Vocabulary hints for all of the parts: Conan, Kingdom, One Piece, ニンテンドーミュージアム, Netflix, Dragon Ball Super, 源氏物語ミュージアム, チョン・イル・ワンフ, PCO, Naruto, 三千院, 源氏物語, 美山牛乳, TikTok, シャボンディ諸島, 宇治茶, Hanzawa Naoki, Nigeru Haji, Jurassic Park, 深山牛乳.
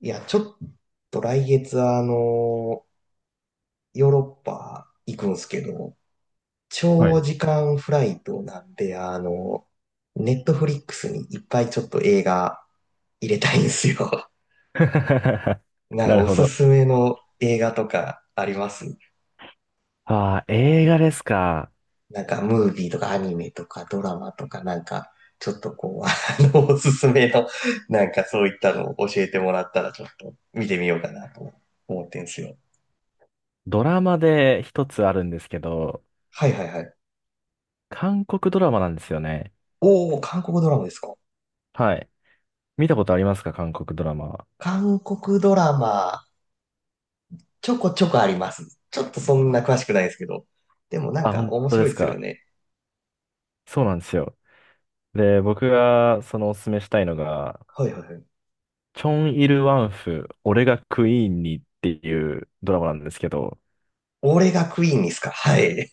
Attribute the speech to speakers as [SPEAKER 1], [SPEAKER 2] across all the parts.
[SPEAKER 1] いや、ちょっと来月ヨーロッパ行くんすけど、
[SPEAKER 2] は
[SPEAKER 1] 長
[SPEAKER 2] い。
[SPEAKER 1] 時間フライトなんで、ネットフリックスにいっぱいちょっと映画入れたいんですよ。なん
[SPEAKER 2] な
[SPEAKER 1] か
[SPEAKER 2] る
[SPEAKER 1] お
[SPEAKER 2] ほ
[SPEAKER 1] す
[SPEAKER 2] ど。
[SPEAKER 1] すめの映画とかあります？
[SPEAKER 2] ああ、映画ですか。
[SPEAKER 1] なんかムービーとかアニメとかドラマとかなんか、ちょっとこう、おすすめの、なんかそういったのを教えてもらったらちょっと見てみようかなと思ってんすよ。
[SPEAKER 2] ドラマで一つあるんですけど、
[SPEAKER 1] はいはいはい。
[SPEAKER 2] 韓国ドラマなんですよね。
[SPEAKER 1] おー、韓国ドラマですか？
[SPEAKER 2] はい。見たことありますか、韓国ドラマは。
[SPEAKER 1] 韓国ドラマ、ちょこちょこあります。ちょっとそんな詳しくないですけど。でもなん
[SPEAKER 2] あ、
[SPEAKER 1] か
[SPEAKER 2] 本
[SPEAKER 1] 面
[SPEAKER 2] 当
[SPEAKER 1] 白
[SPEAKER 2] で
[SPEAKER 1] い
[SPEAKER 2] す
[SPEAKER 1] ですよ
[SPEAKER 2] か。
[SPEAKER 1] ね。
[SPEAKER 2] そうなんですよ。で、僕がそのおすすめしたいのが、
[SPEAKER 1] はいはいはい。
[SPEAKER 2] チョン・イル・ワンフ、俺がクイーンにっていうドラマなんですけど、
[SPEAKER 1] 俺がクイーンですか？はい。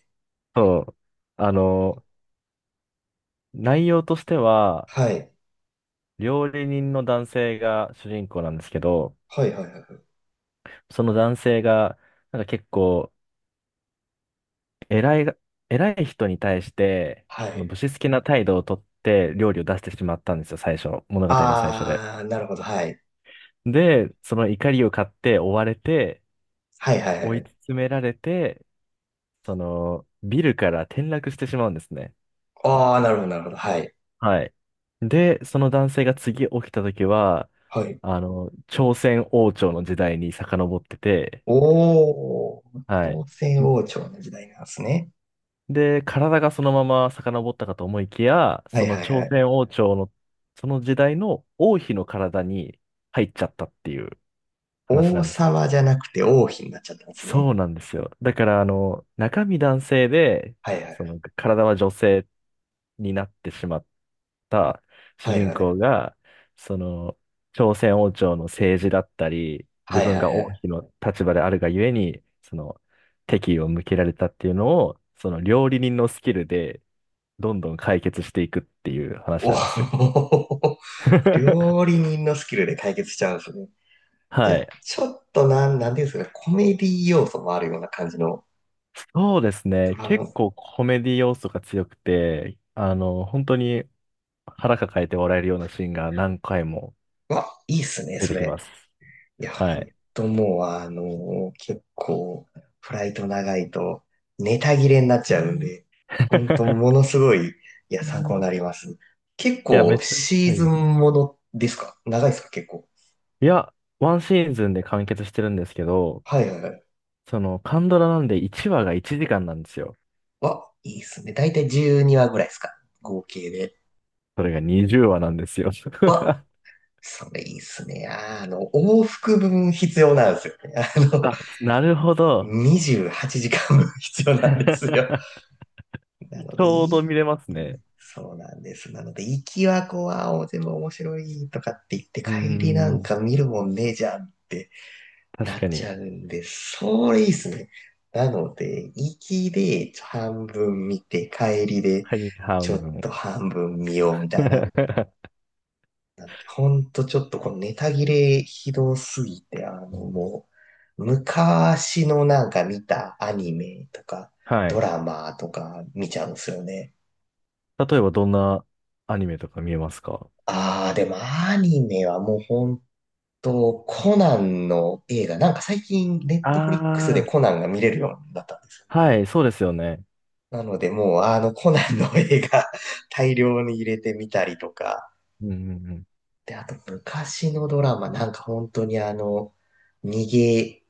[SPEAKER 2] そう。あの、内容としては、
[SPEAKER 1] はい。
[SPEAKER 2] 料理人の男性が主人公なんですけど、
[SPEAKER 1] はいはいはいはい。
[SPEAKER 2] その男性が、なんか結構、偉いが、偉い人に対して、
[SPEAKER 1] は
[SPEAKER 2] その
[SPEAKER 1] い。
[SPEAKER 2] 武士好きな態度をとって料理を出してしまったんですよ、最初。物語の最初で。
[SPEAKER 1] あー、なるほど。はい。
[SPEAKER 2] で、その怒りを買って追われて、
[SPEAKER 1] はいはいは
[SPEAKER 2] 追い
[SPEAKER 1] い。
[SPEAKER 2] 詰められて、その、ビルから転落してしまうんですね。
[SPEAKER 1] あー、なるほどなるほど。はい。
[SPEAKER 2] はい。で、その男性が次起きた時は、
[SPEAKER 1] はい。
[SPEAKER 2] 朝鮮王朝の時代に遡ってて、
[SPEAKER 1] おー、
[SPEAKER 2] は
[SPEAKER 1] 朝
[SPEAKER 2] い。
[SPEAKER 1] 鮮王朝の時代なんですね。
[SPEAKER 2] で、体がそのまま遡ったかと思いきや、
[SPEAKER 1] は
[SPEAKER 2] そ
[SPEAKER 1] い
[SPEAKER 2] の
[SPEAKER 1] はい
[SPEAKER 2] 朝
[SPEAKER 1] はい。
[SPEAKER 2] 鮮王朝の、その時代の王妃の体に入っちゃったっていう話な
[SPEAKER 1] 王
[SPEAKER 2] んですよ。
[SPEAKER 1] 様じゃなくて王妃になっちゃったんですね。
[SPEAKER 2] そうなんですよ。だから、中身男性で、
[SPEAKER 1] はいは
[SPEAKER 2] そ
[SPEAKER 1] い。
[SPEAKER 2] の体は女性になってしまった主
[SPEAKER 1] はい
[SPEAKER 2] 人
[SPEAKER 1] はい。
[SPEAKER 2] 公が、その、朝鮮王朝の政治だったり、自
[SPEAKER 1] はい
[SPEAKER 2] 分
[SPEAKER 1] はい
[SPEAKER 2] が
[SPEAKER 1] は
[SPEAKER 2] 王
[SPEAKER 1] い。
[SPEAKER 2] 妃の立場であるがゆえに、その、敵意を向けられたっていうのを、その料理人のスキルでどんどん解決していくっていう話
[SPEAKER 1] お
[SPEAKER 2] なんですよ。
[SPEAKER 1] ー、料 理人のスキルで解決しちゃうんですね。じゃ
[SPEAKER 2] は
[SPEAKER 1] あ、
[SPEAKER 2] い。
[SPEAKER 1] ちょっとなんていうんですかね、コメディ要素もあるような感じの
[SPEAKER 2] そうです
[SPEAKER 1] ド
[SPEAKER 2] ね。
[SPEAKER 1] ラマ。
[SPEAKER 2] 結構コメディ要素が強くて、本当に腹抱えて笑えるようなシーンが何回も
[SPEAKER 1] わ、いいっすね、
[SPEAKER 2] 出
[SPEAKER 1] そ
[SPEAKER 2] てきま
[SPEAKER 1] れ。
[SPEAKER 2] す。
[SPEAKER 1] いや、
[SPEAKER 2] は
[SPEAKER 1] ほん
[SPEAKER 2] い。
[SPEAKER 1] ともう、結構、フライト長いと、ネタ切れになっちゃうんで、ほんと、も のすごい、いや、参考になります。結
[SPEAKER 2] いや、めっ
[SPEAKER 1] 構、
[SPEAKER 2] ちゃくち
[SPEAKER 1] シ
[SPEAKER 2] ゃ
[SPEAKER 1] ー
[SPEAKER 2] い
[SPEAKER 1] ズン
[SPEAKER 2] い。
[SPEAKER 1] ものですか？長いですか？結構。
[SPEAKER 2] いや、ワンシーズンで完結してるんですけど、
[SPEAKER 1] はいはいはい。
[SPEAKER 2] その、カンドラなんで1話が1時間なんですよ。
[SPEAKER 1] わ、いいっすね。だいたい12話ぐらいですか？合計で。
[SPEAKER 2] それが20話なんですよ。
[SPEAKER 1] わ、それいいっすね。往復分必要なんですよね。
[SPEAKER 2] あ、なるほど。
[SPEAKER 1] 28時間分 必要 なんですよ。な
[SPEAKER 2] ち
[SPEAKER 1] ので、
[SPEAKER 2] ょう
[SPEAKER 1] い
[SPEAKER 2] ど
[SPEAKER 1] い。
[SPEAKER 2] 見れますね。
[SPEAKER 1] そうなんです。なので、行きはこう、全部面白いとかって言って、
[SPEAKER 2] うー
[SPEAKER 1] 帰りなん
[SPEAKER 2] ん、
[SPEAKER 1] か見るもんねえじゃんって
[SPEAKER 2] 確
[SPEAKER 1] なっ
[SPEAKER 2] か
[SPEAKER 1] ち
[SPEAKER 2] に。
[SPEAKER 1] ゃうんで、それいいっすね。なので、行きで半分見て、帰りで
[SPEAKER 2] 毎日
[SPEAKER 1] ちょ
[SPEAKER 2] 半
[SPEAKER 1] っ
[SPEAKER 2] 分。
[SPEAKER 1] と半分見ようみたいな。ほんとちょっとこのネタ切れひどすぎて、
[SPEAKER 2] うん、
[SPEAKER 1] もう、昔のなんか見たアニメとか、
[SPEAKER 2] は
[SPEAKER 1] ド
[SPEAKER 2] い。
[SPEAKER 1] ラマとか見ちゃうんですよね。
[SPEAKER 2] 例えばどんなアニメとか見えますか？
[SPEAKER 1] ああ、でもアニメはもうほんと、コナンの映画、なんか最近ネットフリックス
[SPEAKER 2] あ
[SPEAKER 1] で
[SPEAKER 2] あ
[SPEAKER 1] コナンが見れるようになったんですよ。
[SPEAKER 2] ー、はい、そうですよね。
[SPEAKER 1] なのでもうコナンの映画 大量に入れてみたりとか、
[SPEAKER 2] うんうんうん。
[SPEAKER 1] で、あと昔のドラマ、なんか本当に逃げ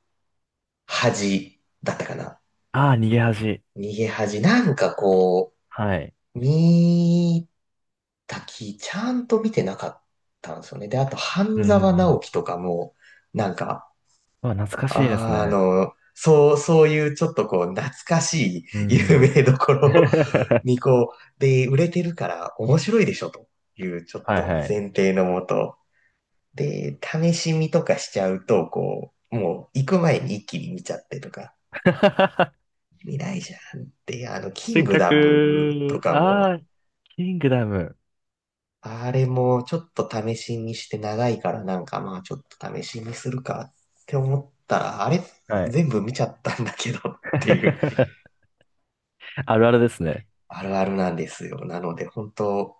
[SPEAKER 1] 恥だったかな。
[SPEAKER 2] ああ、逃げ恥。
[SPEAKER 1] 逃げ恥。なんかこ
[SPEAKER 2] はい。
[SPEAKER 1] う、見たき、ちゃんと見てなかったんですよね。で、あと、
[SPEAKER 2] う
[SPEAKER 1] 半
[SPEAKER 2] んう
[SPEAKER 1] 沢
[SPEAKER 2] んう
[SPEAKER 1] 直
[SPEAKER 2] ん。
[SPEAKER 1] 樹とかも、なんか、
[SPEAKER 2] まあ、懐かしいですね。
[SPEAKER 1] そう、そういうちょっとこう、懐かし
[SPEAKER 2] う
[SPEAKER 1] い有
[SPEAKER 2] ん。
[SPEAKER 1] 名どころ
[SPEAKER 2] は
[SPEAKER 1] にこう、で、売れてるから面白いでしょというちょっ
[SPEAKER 2] い
[SPEAKER 1] と
[SPEAKER 2] はい。
[SPEAKER 1] 前提のもと、で、試し見とかしちゃうと、こう、もう行く前に一気に見ちゃってとか、見ないじゃんって、キ
[SPEAKER 2] せ
[SPEAKER 1] ン
[SPEAKER 2] っ
[SPEAKER 1] グ
[SPEAKER 2] か
[SPEAKER 1] ダムと
[SPEAKER 2] く、
[SPEAKER 1] かも、
[SPEAKER 2] ああ、キングダム。
[SPEAKER 1] あれもちょっと試し見して長いからなんかまあちょっと試し見するかって思ったら、あれ
[SPEAKER 2] はい。
[SPEAKER 1] 全部見ちゃったんだけどっていう
[SPEAKER 2] あるあるですね。
[SPEAKER 1] あるあるなんですよ。なので本当、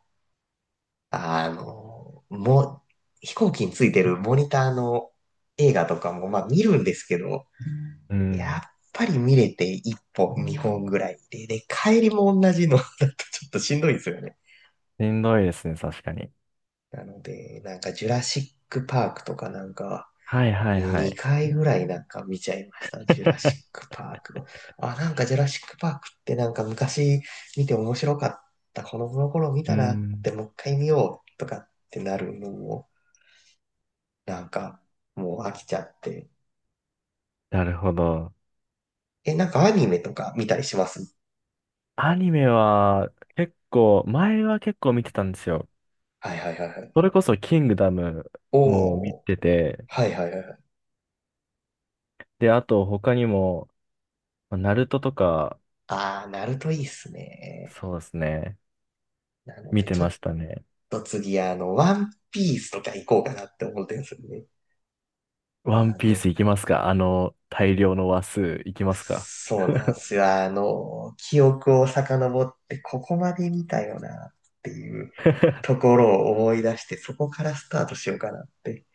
[SPEAKER 1] もう飛行機についてるモニターの映画とかもまあ見るんですけど、
[SPEAKER 2] う
[SPEAKER 1] やっ
[SPEAKER 2] ん。
[SPEAKER 1] ぱり見れて一本二本ぐらいで、で、帰りも同じのだとちょっとしんどいんですよね。
[SPEAKER 2] しんどいですね、確かに。
[SPEAKER 1] なので、なんかジュラシックパークとかなんか、
[SPEAKER 2] はいはいはい。
[SPEAKER 1] 2回ぐらいなんか見ちゃいました。ジュラシッ クパーク。あ、なんかジュラシックパークってなんか昔見て面白かった。この頃見
[SPEAKER 2] う
[SPEAKER 1] たなっ
[SPEAKER 2] ん。
[SPEAKER 1] てもう一回見ようとかってなるのも、なんかもう飽きちゃって。
[SPEAKER 2] なるほど。
[SPEAKER 1] え、なんかアニメとか見たりします？
[SPEAKER 2] アニメは結構、前は結構見てたんですよ。
[SPEAKER 1] はいはいはいは
[SPEAKER 2] そ
[SPEAKER 1] い。
[SPEAKER 2] れこそキングダムも見
[SPEAKER 1] おー。
[SPEAKER 2] てて、
[SPEAKER 1] はいはいはいはい。
[SPEAKER 2] で、あと他にも、まあナルトとか、
[SPEAKER 1] あー、ナルトいいっすね。
[SPEAKER 2] そうですね、
[SPEAKER 1] なの
[SPEAKER 2] 見
[SPEAKER 1] で
[SPEAKER 2] て
[SPEAKER 1] ちょ
[SPEAKER 2] ま
[SPEAKER 1] っ
[SPEAKER 2] したね。
[SPEAKER 1] と次ワンピースとか行こうかなって思ってるんですよね。
[SPEAKER 2] ワン
[SPEAKER 1] あ
[SPEAKER 2] ピー
[SPEAKER 1] の、
[SPEAKER 2] スいきますか？あの大量の話数いきますか？
[SPEAKER 1] そうなんですよ。記憶を遡って、ここまで見たよなっていうと ころを思い出して、そこからスタートしようかなって。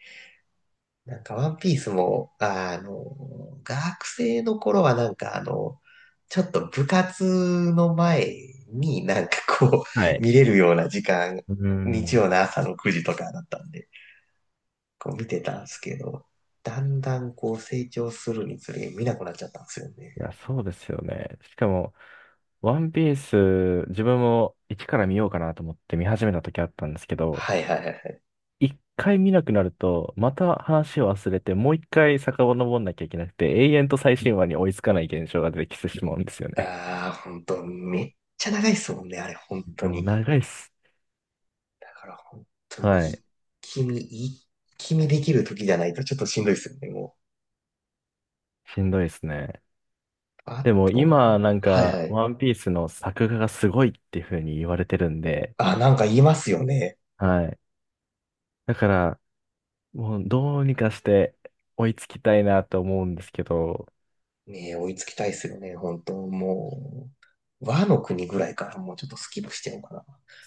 [SPEAKER 1] なんか、ワンピースも、学生の頃はなんか、ちょっと部活の前になんかこ
[SPEAKER 2] は
[SPEAKER 1] う、
[SPEAKER 2] い。
[SPEAKER 1] 見れるような時間、
[SPEAKER 2] う
[SPEAKER 1] 日
[SPEAKER 2] ん。
[SPEAKER 1] 曜の朝の9時とかだったんで、こう見てたんですけど、だんだんこう成長するにつれ見なくなっちゃったんですよね。
[SPEAKER 2] いや、そうですよね。しかも、ワンピース、自分も一から見ようかなと思って見始めた時あったんですけど、
[SPEAKER 1] はいはいはいはい。
[SPEAKER 2] 一回見なくなると、また話を忘れて、もう一回遡んなきゃいけなくて、永遠と最新話に追いつかない現象が出てきてしまうんですよね。
[SPEAKER 1] ああ、本当めっちゃ長いっすもんね、あれ、本 当
[SPEAKER 2] もう
[SPEAKER 1] に。
[SPEAKER 2] 長いっす。
[SPEAKER 1] だから本当もう
[SPEAKER 2] は
[SPEAKER 1] 一
[SPEAKER 2] い。
[SPEAKER 1] 気見、一気見できる時じゃないとちょっとしんどいっすよね、もう。
[SPEAKER 2] しんどいですね。
[SPEAKER 1] あ
[SPEAKER 2] でも今、
[SPEAKER 1] と、
[SPEAKER 2] なん
[SPEAKER 1] はい
[SPEAKER 2] か、
[SPEAKER 1] はい。
[SPEAKER 2] ワンピースの作画がすごいっていう風に言われてるんで、
[SPEAKER 1] あ、なんか言いますよね。
[SPEAKER 2] はい。だから、もうどうにかして追いつきたいなと思うんですけど、
[SPEAKER 1] ねえ、追いつきたいっすよね、本当もう。和の国ぐらいからもうちょっとスキップしちゃおうか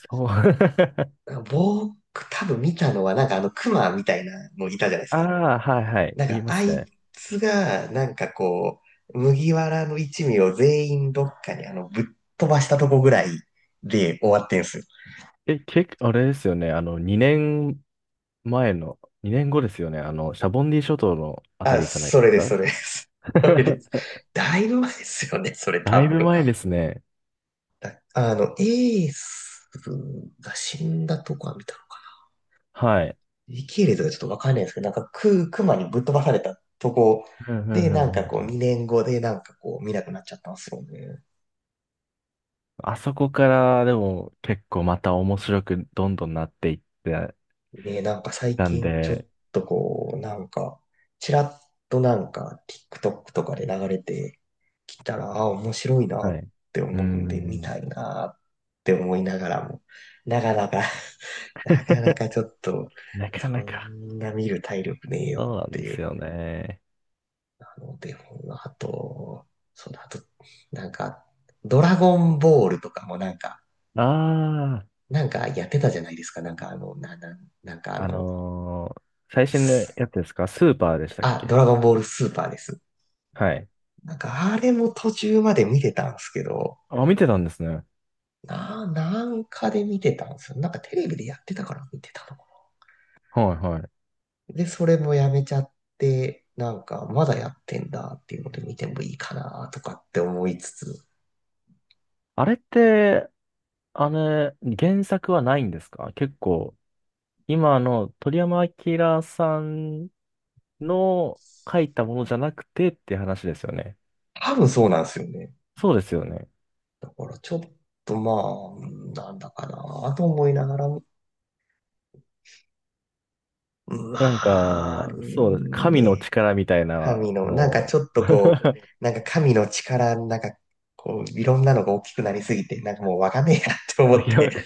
[SPEAKER 2] そう。
[SPEAKER 1] な。僕、多分見たのはなんかあの熊みたいなのいたじゃないです
[SPEAKER 2] あ
[SPEAKER 1] か。
[SPEAKER 2] あ、はいはい。
[SPEAKER 1] なん
[SPEAKER 2] 言い
[SPEAKER 1] か、
[SPEAKER 2] ま
[SPEAKER 1] あ
[SPEAKER 2] す
[SPEAKER 1] い
[SPEAKER 2] ね。
[SPEAKER 1] つが、なんかこう、麦わらの一味を全員どっかにぶっ飛ばしたとこぐらいで終わってんすよ。
[SPEAKER 2] え、結構、あれですよね。2年前の2年後ですよね。あの、シャボンディ諸島のあた
[SPEAKER 1] あ、
[SPEAKER 2] りじゃないで
[SPEAKER 1] それ
[SPEAKER 2] す
[SPEAKER 1] です、
[SPEAKER 2] か。
[SPEAKER 1] それです。それです。だいぶ前ですよね、それ
[SPEAKER 2] だ
[SPEAKER 1] 多
[SPEAKER 2] いぶ
[SPEAKER 1] 分。
[SPEAKER 2] 前ですね。
[SPEAKER 1] だあの、エースが死んだとこは見たのか。
[SPEAKER 2] はい。
[SPEAKER 1] 時系列がちょっとわかんないんですけど、なんかクマにぶっ飛ばされたとこ
[SPEAKER 2] うんうん
[SPEAKER 1] で、
[SPEAKER 2] う
[SPEAKER 1] なんかこう、
[SPEAKER 2] んうん。
[SPEAKER 1] 2年後でなんかこう、見なくなっちゃったんですよね。
[SPEAKER 2] あそこからでも結構また面白くどんどんなっていって
[SPEAKER 1] ね、なんか最
[SPEAKER 2] たん
[SPEAKER 1] 近ちょっ
[SPEAKER 2] で、
[SPEAKER 1] とこう、なんか、ちらっとなんか TikTok とかで流れてきたら、あ、面白いな
[SPEAKER 2] は
[SPEAKER 1] っ
[SPEAKER 2] い。
[SPEAKER 1] て
[SPEAKER 2] うー
[SPEAKER 1] 思うんで、見
[SPEAKER 2] ん。
[SPEAKER 1] たいなって思いながらも、なかなか なかなか ちょっと、
[SPEAKER 2] なか
[SPEAKER 1] そ
[SPEAKER 2] なか。
[SPEAKER 1] んな見る体力ねえ
[SPEAKER 2] そ
[SPEAKER 1] よ
[SPEAKER 2] うな
[SPEAKER 1] っ
[SPEAKER 2] ん
[SPEAKER 1] て
[SPEAKER 2] で
[SPEAKER 1] い
[SPEAKER 2] す
[SPEAKER 1] う。
[SPEAKER 2] よね。
[SPEAKER 1] なので、あと、そうだ、あと、なんか、ドラゴンボールとかもなんか、
[SPEAKER 2] あ
[SPEAKER 1] なんかやってたじゃないですか。なんかあの、な、な、なんかあ
[SPEAKER 2] あ、
[SPEAKER 1] の、
[SPEAKER 2] 最新
[SPEAKER 1] す
[SPEAKER 2] のやつですか？スーパーでしたっ
[SPEAKER 1] あ、ド
[SPEAKER 2] け？
[SPEAKER 1] ラゴンボールスーパーです。
[SPEAKER 2] はい。
[SPEAKER 1] なんかあれも途中まで見てたんですけど、
[SPEAKER 2] あ、見てたんですね。
[SPEAKER 1] なんかで見てたんですよ。なんかテレビでやってたから見てた
[SPEAKER 2] はいはい。
[SPEAKER 1] の。で、それもやめちゃって、なんかまだやってんだっていうので見てもいいかなとかって思いつつ、
[SPEAKER 2] あれって、あの、原作はないんですか？結構、今の鳥山明さんの書いたものじゃなくてって話ですよね。
[SPEAKER 1] 多分そうなんですよね。
[SPEAKER 2] そうですよね。
[SPEAKER 1] だからちょっとまあ、なんだかなと思いながら、
[SPEAKER 2] なんか、
[SPEAKER 1] まあ、
[SPEAKER 2] そうです。神の
[SPEAKER 1] ね、
[SPEAKER 2] 力みたいなの
[SPEAKER 1] なんかち
[SPEAKER 2] を、
[SPEAKER 1] ょっとこう、なんか神の力、なんかこう、いろんなのが大きくなりすぎて、なんかもうわかんねえやって 思
[SPEAKER 2] あ、
[SPEAKER 1] っ
[SPEAKER 2] いや、
[SPEAKER 1] て、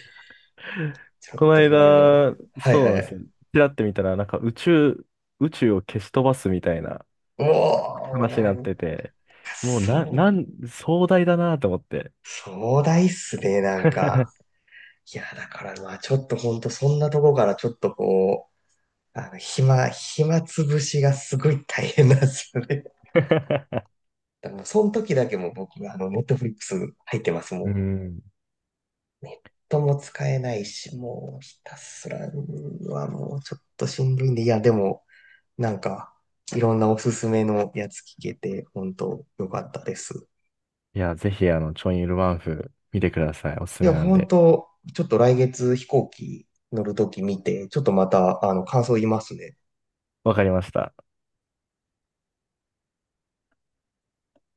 [SPEAKER 1] ちょっ
[SPEAKER 2] この
[SPEAKER 1] と見るの。
[SPEAKER 2] 間、
[SPEAKER 1] はい
[SPEAKER 2] そうな
[SPEAKER 1] は
[SPEAKER 2] んですよ。
[SPEAKER 1] い。
[SPEAKER 2] ちらって見たら、なんか宇宙、宇宙を消し飛ばすみたいな
[SPEAKER 1] おお、
[SPEAKER 2] 話に
[SPEAKER 1] な
[SPEAKER 2] なっ
[SPEAKER 1] ん
[SPEAKER 2] てて、
[SPEAKER 1] か
[SPEAKER 2] もうな、
[SPEAKER 1] そう、
[SPEAKER 2] なん、壮大だなと思って。
[SPEAKER 1] 壮大っすね、なんか。いや、だからまあちょっとほんとそんなとこからちょっとこう、暇つぶしがすごい大変なんですよね。だからもうその時だけもう僕がネットフリックス入ってます、も
[SPEAKER 2] う
[SPEAKER 1] う。
[SPEAKER 2] ん。
[SPEAKER 1] とも使えないし、もうひたすらはもうちょっとしんどいんで、いや、でも、なんか、いろんなおすすめのやつ聞けて、本当よかったです。
[SPEAKER 2] いや、ぜひ、チョンイルワンフ見てください。おす
[SPEAKER 1] い
[SPEAKER 2] す
[SPEAKER 1] や、
[SPEAKER 2] めなん
[SPEAKER 1] 本
[SPEAKER 2] で。
[SPEAKER 1] 当ちょっと来月飛行機乗るとき見て、ちょっとまた、感想言いますね。
[SPEAKER 2] わかりました。